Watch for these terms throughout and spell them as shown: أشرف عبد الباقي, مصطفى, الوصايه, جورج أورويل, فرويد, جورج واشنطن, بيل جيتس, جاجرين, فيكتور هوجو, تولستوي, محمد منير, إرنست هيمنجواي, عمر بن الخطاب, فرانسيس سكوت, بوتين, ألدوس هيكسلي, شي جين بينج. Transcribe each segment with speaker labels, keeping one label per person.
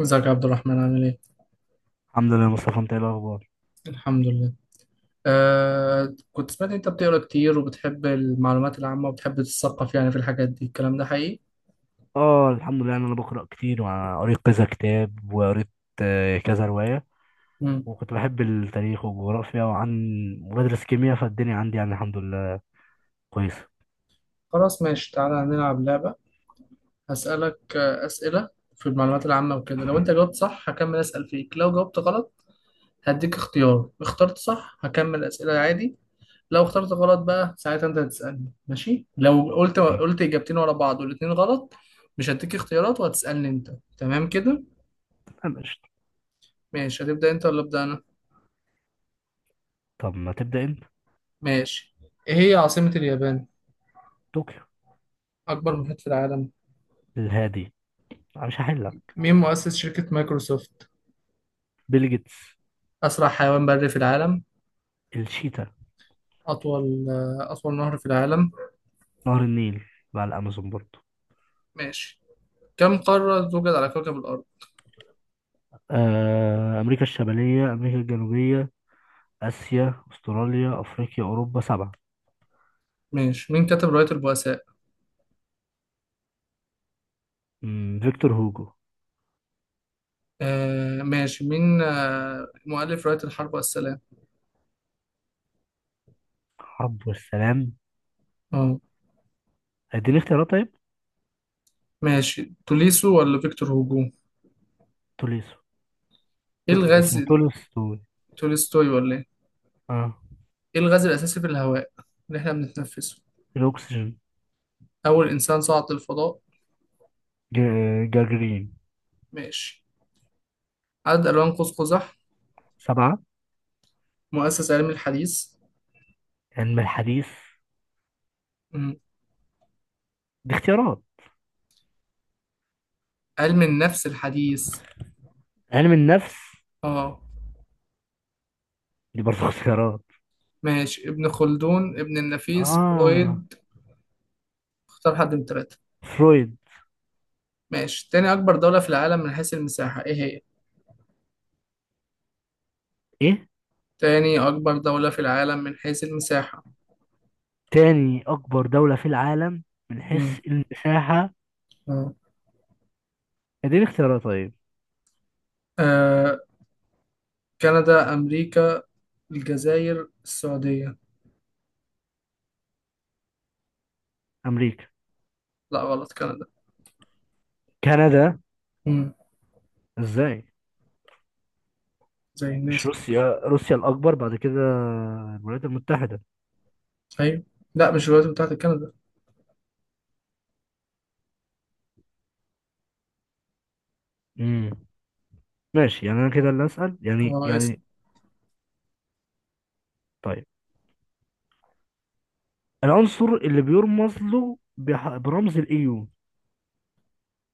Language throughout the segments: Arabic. Speaker 1: ازيك يا عبد الرحمن؟ عامل ايه؟
Speaker 2: الحمد لله يا مصطفى، انت ايه الاخبار؟
Speaker 1: الحمد لله. كنت سمعت إن انت بتقرا كتير وبتحب المعلومات العامة وبتحب تتثقف يعني في الحاجات دي، الكلام ده حقيقي؟
Speaker 2: اه، الحمد لله. يعني انا بقرا كتير وقريت كذا كتاب وقريت كذا روايه.
Speaker 1: مم.
Speaker 2: وكنت بحب التاريخ والجغرافيا وبدرس كيمياء، فالدنيا عندي يعني الحمد لله كويسه.
Speaker 1: خلاص ماشي، تعالى هنلعب لعبة. هسألك أسئلة في المعلومات العامة وكده. لو انت جاوبت صح هكمل أسأل فيك، لو جاوبت غلط هديك اختيار. اخترت صح هكمل أسئلة عادي، لو اخترت غلط بقى ساعتها انت هتسألني، ماشي؟ لو قلت
Speaker 2: تمام،
Speaker 1: قلت إجابتين ورا بعض والاتنين غلط مش هديك اختيارات وهتسألني انت. تمام كده؟
Speaker 2: انا قشطة.
Speaker 1: ماشي، هتبدأ انت ولا أبدأ أنا؟
Speaker 2: طب ما تبدا انت.
Speaker 1: ماشي. ايه هي عاصمة اليابان؟
Speaker 2: طوكيو.
Speaker 1: اكبر محيط في العالم؟
Speaker 2: الهادي. أنا مش هحلك.
Speaker 1: مين مؤسس شركة مايكروسوفت؟
Speaker 2: بيل جيتس.
Speaker 1: اسرع حيوان بري في العالم؟
Speaker 2: الشيتا.
Speaker 1: اطول نهر في العالم؟
Speaker 2: نهر النيل مع الامازون برضه.
Speaker 1: ماشي. كم قارة توجد على كوكب الارض؟
Speaker 2: امريكا الشماليه، امريكا الجنوبيه، اسيا، استراليا، افريقيا، اوروبا، سبعه.
Speaker 1: ماشي. مين كتب رواية البؤساء؟
Speaker 2: فيكتور هوجو.
Speaker 1: آه، ماشي. مين مؤلف رواية الحرب والسلام؟
Speaker 2: حرب والسلام.
Speaker 1: اه،
Speaker 2: اديني اختيارات طيب.
Speaker 1: ماشي. توليسو ولا فيكتور هوجو؟
Speaker 2: توليسو.
Speaker 1: ايه
Speaker 2: اسمه
Speaker 1: الغاز.
Speaker 2: تولستوي.
Speaker 1: تولستوي ولا ايه؟
Speaker 2: اه.
Speaker 1: ايه الغاز الاساسي في الهواء اللي احنا بنتنفسه؟
Speaker 2: الأكسجين.
Speaker 1: اول انسان صعد للفضاء؟
Speaker 2: جاجرين.
Speaker 1: ماشي. عدد الوان قوس قزح؟
Speaker 2: سبعة.
Speaker 1: مؤسس علم الحديث؟
Speaker 2: علم الحديث.
Speaker 1: مم.
Speaker 2: دي اختيارات.
Speaker 1: علم النفس الحديث؟
Speaker 2: علم النفس.
Speaker 1: اه،
Speaker 2: دي برضه اختيارات.
Speaker 1: ماشي. ابن خلدون، ابن النفيس،
Speaker 2: اه.
Speaker 1: فرويد. اختار حد من التلاتة.
Speaker 2: فرويد.
Speaker 1: ماشي. تاني أكبر دولة في العالم من حيث المساحة، ايه هي؟
Speaker 2: ايه؟
Speaker 1: تاني أكبر دولة في العالم من حيث المساحة؟
Speaker 2: تاني أكبر دولة في العالم من
Speaker 1: مم.
Speaker 2: حيث المساحة.
Speaker 1: اه.
Speaker 2: اديني اختيارات طيب.
Speaker 1: آه، كندا، أمريكا، الجزائر، السعودية.
Speaker 2: أمريكا.
Speaker 1: لا غلط، كندا.
Speaker 2: كندا.
Speaker 1: مم.
Speaker 2: ازاي؟
Speaker 1: زي
Speaker 2: مش
Speaker 1: الناس.
Speaker 2: روسيا، روسيا الأكبر بعد كده الولايات المتحدة.
Speaker 1: أيوة. لا مش الولايات المتحدة، كندا.
Speaker 2: امم. ماشي يعني أنا كده اللي أسأل يعني
Speaker 1: هو اسم
Speaker 2: يعني طيب، العنصر اللي بيرمز له برمز الايو.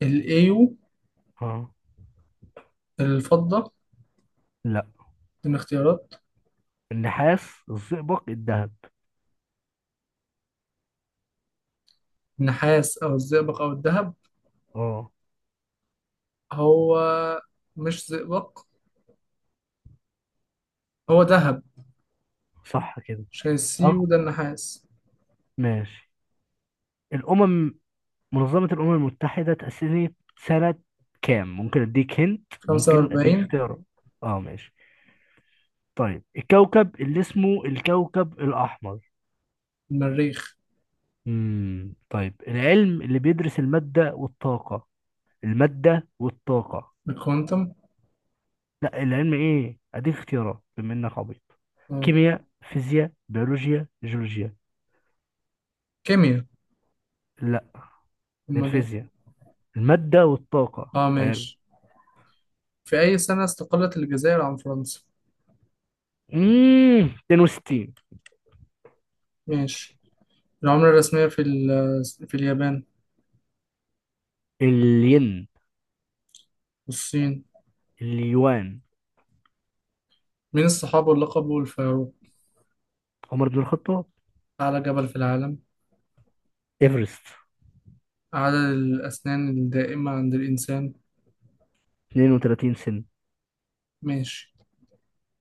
Speaker 1: الأيو؟
Speaker 2: اه.
Speaker 1: الفضة؟
Speaker 2: لا.
Speaker 1: من اختيارات؟
Speaker 2: النحاس، الزئبق، الذهب.
Speaker 1: النحاس أو الزئبق أو الذهب؟
Speaker 2: اه.
Speaker 1: هو مش زئبق، هو ذهب.
Speaker 2: صح كده. اه،
Speaker 1: شايسيو ده النحاس.
Speaker 2: ماشي. الامم، منظمة الامم المتحدة تأسست سنة كام؟ ممكن اديك
Speaker 1: 45.
Speaker 2: اختيارات. اه، ماشي. طيب، الكوكب اللي اسمه الكوكب الاحمر.
Speaker 1: المريخ.
Speaker 2: امم. طيب، العلم اللي بيدرس المادة والطاقة، المادة والطاقة.
Speaker 1: الكوانتم.
Speaker 2: لا، العلم ايه؟ اديك اختيارات بما انك عبيط.
Speaker 1: اه.
Speaker 2: كيمياء، فيزياء، بيولوجيا، جيولوجيا.
Speaker 1: كيمياء.
Speaker 2: لا،
Speaker 1: امال ايه؟
Speaker 2: الفيزياء. المادة والطاقة
Speaker 1: اه،
Speaker 2: غير.
Speaker 1: ماشي. في أي سنة استقلت الجزائر عن فرنسا؟
Speaker 2: اممم 62.
Speaker 1: ماشي. العملة الرسمية في ال، في اليابان؟
Speaker 2: الين.
Speaker 1: والصين؟
Speaker 2: اليوان.
Speaker 1: مين الصحابي اللي لقبه الفاروق؟
Speaker 2: عمر بن الخطاب.
Speaker 1: أعلى جبل في العالم؟
Speaker 2: ايفرست.
Speaker 1: عدد الأسنان الدائمة عند الإنسان؟
Speaker 2: 32 سن.
Speaker 1: ماشي.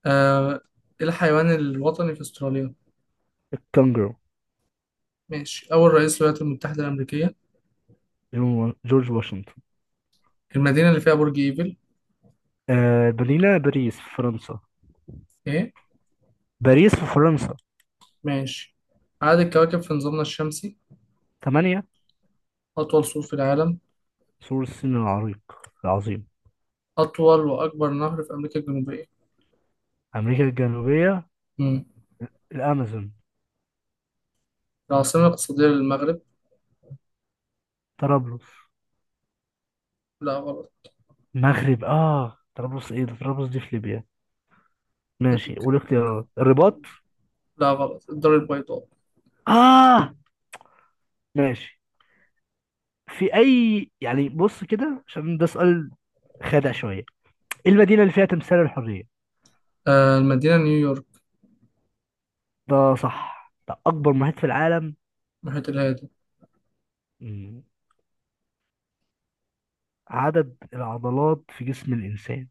Speaker 1: آه، إيه الحيوان الوطني في أستراليا؟
Speaker 2: الكونغرو.
Speaker 1: ماشي. أول رئيس للولايات المتحدة الأمريكية؟
Speaker 2: جورج واشنطن.
Speaker 1: المدينة اللي فيها برج إيفل؟
Speaker 2: آه، مدينة باريس في فرنسا.
Speaker 1: إيه؟
Speaker 2: باريس في فرنسا.
Speaker 1: ماشي. عدد الكواكب في نظامنا الشمسي؟
Speaker 2: 8.
Speaker 1: أطول سور في العالم؟
Speaker 2: سور الصين العريق العظيم.
Speaker 1: أطول وأكبر نهر في أمريكا الجنوبية؟
Speaker 2: أمريكا الجنوبية.
Speaker 1: مم.
Speaker 2: الأمازون.
Speaker 1: العاصمة الاقتصادية للمغرب؟
Speaker 2: طرابلس.
Speaker 1: لا غلط.
Speaker 2: المغرب، آه، طرابلس، إيه ده؟ طرابلس دي في ليبيا. ماشي،
Speaker 1: أديك.
Speaker 2: والاختيارات؟ الرباط.
Speaker 1: لا غلط، الدار البيضاء.
Speaker 2: آه، ماشي. في أي يعني بص كده، عشان ده سؤال خادع شوية. إيه المدينة اللي فيها تمثال الحرية؟
Speaker 1: آه، المدينة نيويورك.
Speaker 2: ده صح. ده أكبر محيط في العالم.
Speaker 1: محيط الهادي.
Speaker 2: مم. عدد العضلات في جسم الإنسان.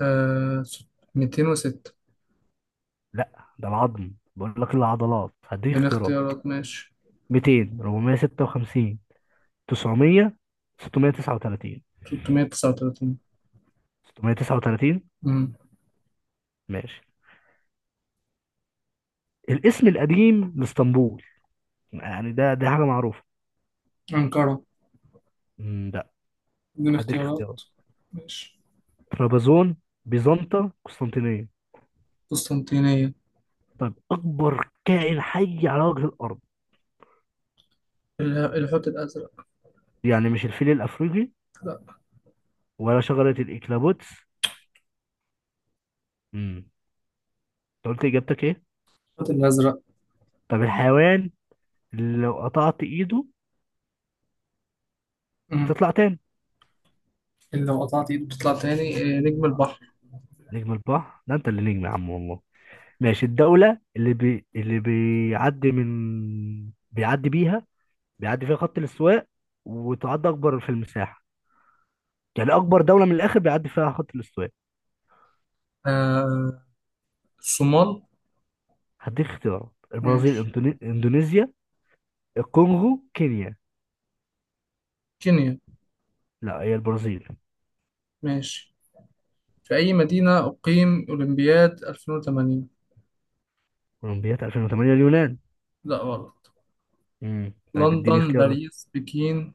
Speaker 1: آه ست- 206.
Speaker 2: لا، ده العظم، بقول لك العضلات. هديك
Speaker 1: اديني
Speaker 2: اختيارات.
Speaker 1: اختيارات، ماشي.
Speaker 2: 200، 456، 900، 639.
Speaker 1: 339.
Speaker 2: 639.
Speaker 1: مم.
Speaker 2: ماشي. الاسم القديم لاسطنبول. يعني ده حاجة معروفة.
Speaker 1: أنقرة.
Speaker 2: مم، لا.
Speaker 1: اديني
Speaker 2: هديك
Speaker 1: اختيارات،
Speaker 2: اختيارات.
Speaker 1: ماشي.
Speaker 2: طرابزون، بيزنطة، قسطنطينية.
Speaker 1: قسطنطينية.
Speaker 2: طب أكبر كائن حي على وجه الأرض.
Speaker 1: الحوت الأزرق.
Speaker 2: يعني مش الفيل الأفريقي؟
Speaker 1: لا.
Speaker 2: ولا شجرة الإكلابوتس. امم. أنت قلت إجابتك إيه؟
Speaker 1: الحوت الأزرق.
Speaker 2: طب، الحيوان اللي لو قطعت إيده بتطلع تاني.
Speaker 1: اللي لو قطعت ايده بتطلع تاني؟ آه، نجم البحر.
Speaker 2: نجم البحر. ده أنت اللي نجم يا عم والله. ماشي، الدولة اللي اللي بيعدي من بيعدي بيها بيعدي فيها خط الاستواء وتعد أكبر في المساحة، يعني أكبر دولة من الآخر بيعدي فيها خط الاستواء.
Speaker 1: آه، الصومال.
Speaker 2: هديك اختيارات، البرازيل،
Speaker 1: ماشي.
Speaker 2: إندونيسيا، الكونغو، كينيا.
Speaker 1: كينيا.
Speaker 2: لا، هي البرازيل.
Speaker 1: ماشي. في أي مدينة أقيم أولمبياد 2008؟
Speaker 2: اولمبياد 2008 اليونان.
Speaker 1: لا غلط.
Speaker 2: امم، طيب اديني
Speaker 1: لندن،
Speaker 2: اختيارات.
Speaker 1: باريس، بكين.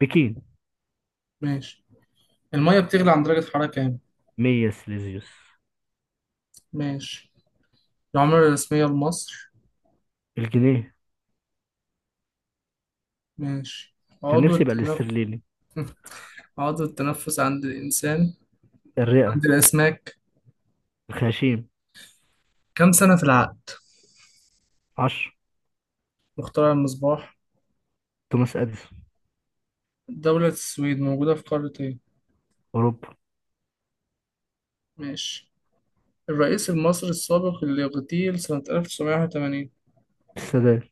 Speaker 2: بكين.
Speaker 1: ماشي. المية بتغلي عند درجة حرارة كام؟
Speaker 2: 100 سليزيوس.
Speaker 1: ماشي. العملة الرسمية لمصر؟
Speaker 2: الجنيه.
Speaker 1: ماشي.
Speaker 2: كان
Speaker 1: عضو
Speaker 2: نفسي يبقى
Speaker 1: التنفس.
Speaker 2: الاسترليني.
Speaker 1: عضو التنفس عند الإنسان؟
Speaker 2: الرئة.
Speaker 1: عند الأسماك؟
Speaker 2: الخياشيم.
Speaker 1: كم سنة في العقد؟
Speaker 2: 10.
Speaker 1: مخترع المصباح؟
Speaker 2: توماس اديسون.
Speaker 1: دولة السويد موجودة في قارة إيه؟
Speaker 2: اوروبا.
Speaker 1: ماشي. الرئيس المصري السابق اللي اغتيل سنة 1981؟
Speaker 2: السادات.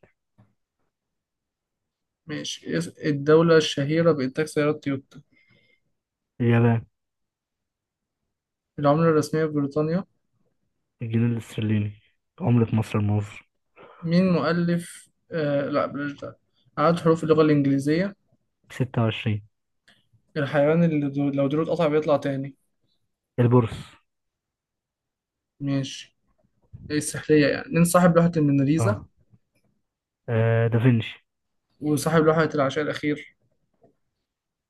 Speaker 1: ماشي. الدولة الشهيرة بإنتاج سيارات تويوتا؟
Speaker 2: اليابان.
Speaker 1: العملة الرسمية في بريطانيا؟
Speaker 2: الجنيه الاسترليني، عملة مصر المصري.
Speaker 1: مين مؤلف لا بلاش ده. عدد حروف اللغة الإنجليزية؟
Speaker 2: 26.
Speaker 1: الحيوان اللي لو ديله اتقطع بيطلع تاني؟
Speaker 2: البورصة.
Speaker 1: ماشي. إيه السحرية يعني، مين صاحب لوحة الموناليزا؟
Speaker 2: اه, دافنشي.
Speaker 1: وصاحب لوحة العشاء الأخير؟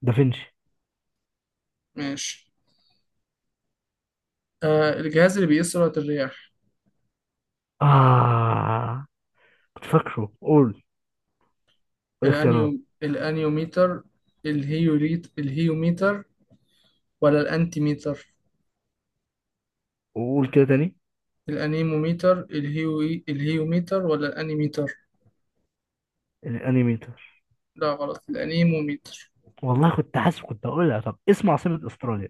Speaker 2: دافنشي.
Speaker 1: ماشي. آه، الجهاز اللي بيقيس سرعة الرياح؟
Speaker 2: اه، كنت فاكره. قول، قول اختيارات.
Speaker 1: الأنيوميتر، الهيوميتر، ولا الأنتيميتر؟
Speaker 2: وقول كده تاني.
Speaker 1: الانيموميتر، الهيوميتر، ولا الانيميتر؟
Speaker 2: الانيميتر.
Speaker 1: لا غلط، الانيموميتر.
Speaker 2: والله كنت حاسس كنت هقولها. طب، اسم عاصمة استراليا.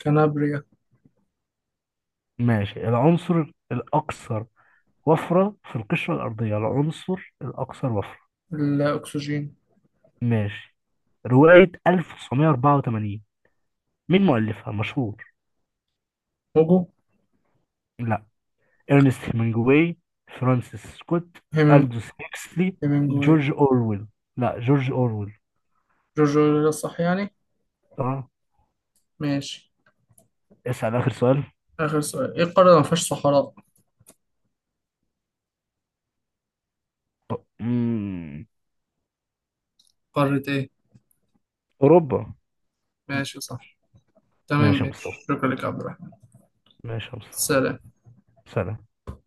Speaker 1: كنابريا.
Speaker 2: ماشي. العنصر الأكثر وفرة في القشرة الأرضية، العنصر الأكثر وفرة
Speaker 1: الاكسجين.
Speaker 2: ماشي. رواية 1984، مين مؤلفها مشهور؟
Speaker 1: هوجو.
Speaker 2: لا، إرنست هيمنجواي، فرانسيس سكوت،
Speaker 1: هيمنج
Speaker 2: ألدوس هيكسلي،
Speaker 1: هيمنجواي.
Speaker 2: جورج أورويل. لا، جورج أورويل.
Speaker 1: جورجو ده صح يعني.
Speaker 2: اه.
Speaker 1: ماشي.
Speaker 2: اسأل آخر سؤال.
Speaker 1: اخر سؤال، ايه القارة اللي ما فيهاش صحراء؟
Speaker 2: طب، مم.
Speaker 1: قارة ايه؟
Speaker 2: أوروبا.
Speaker 1: ماشي، صح. تمام،
Speaker 2: ماشي يا مصطفى.
Speaker 1: ماشي. شكرا لك يا عبد الرحمن.
Speaker 2: ماشي يا مصطفى.
Speaker 1: سلام.
Speaker 2: سلام.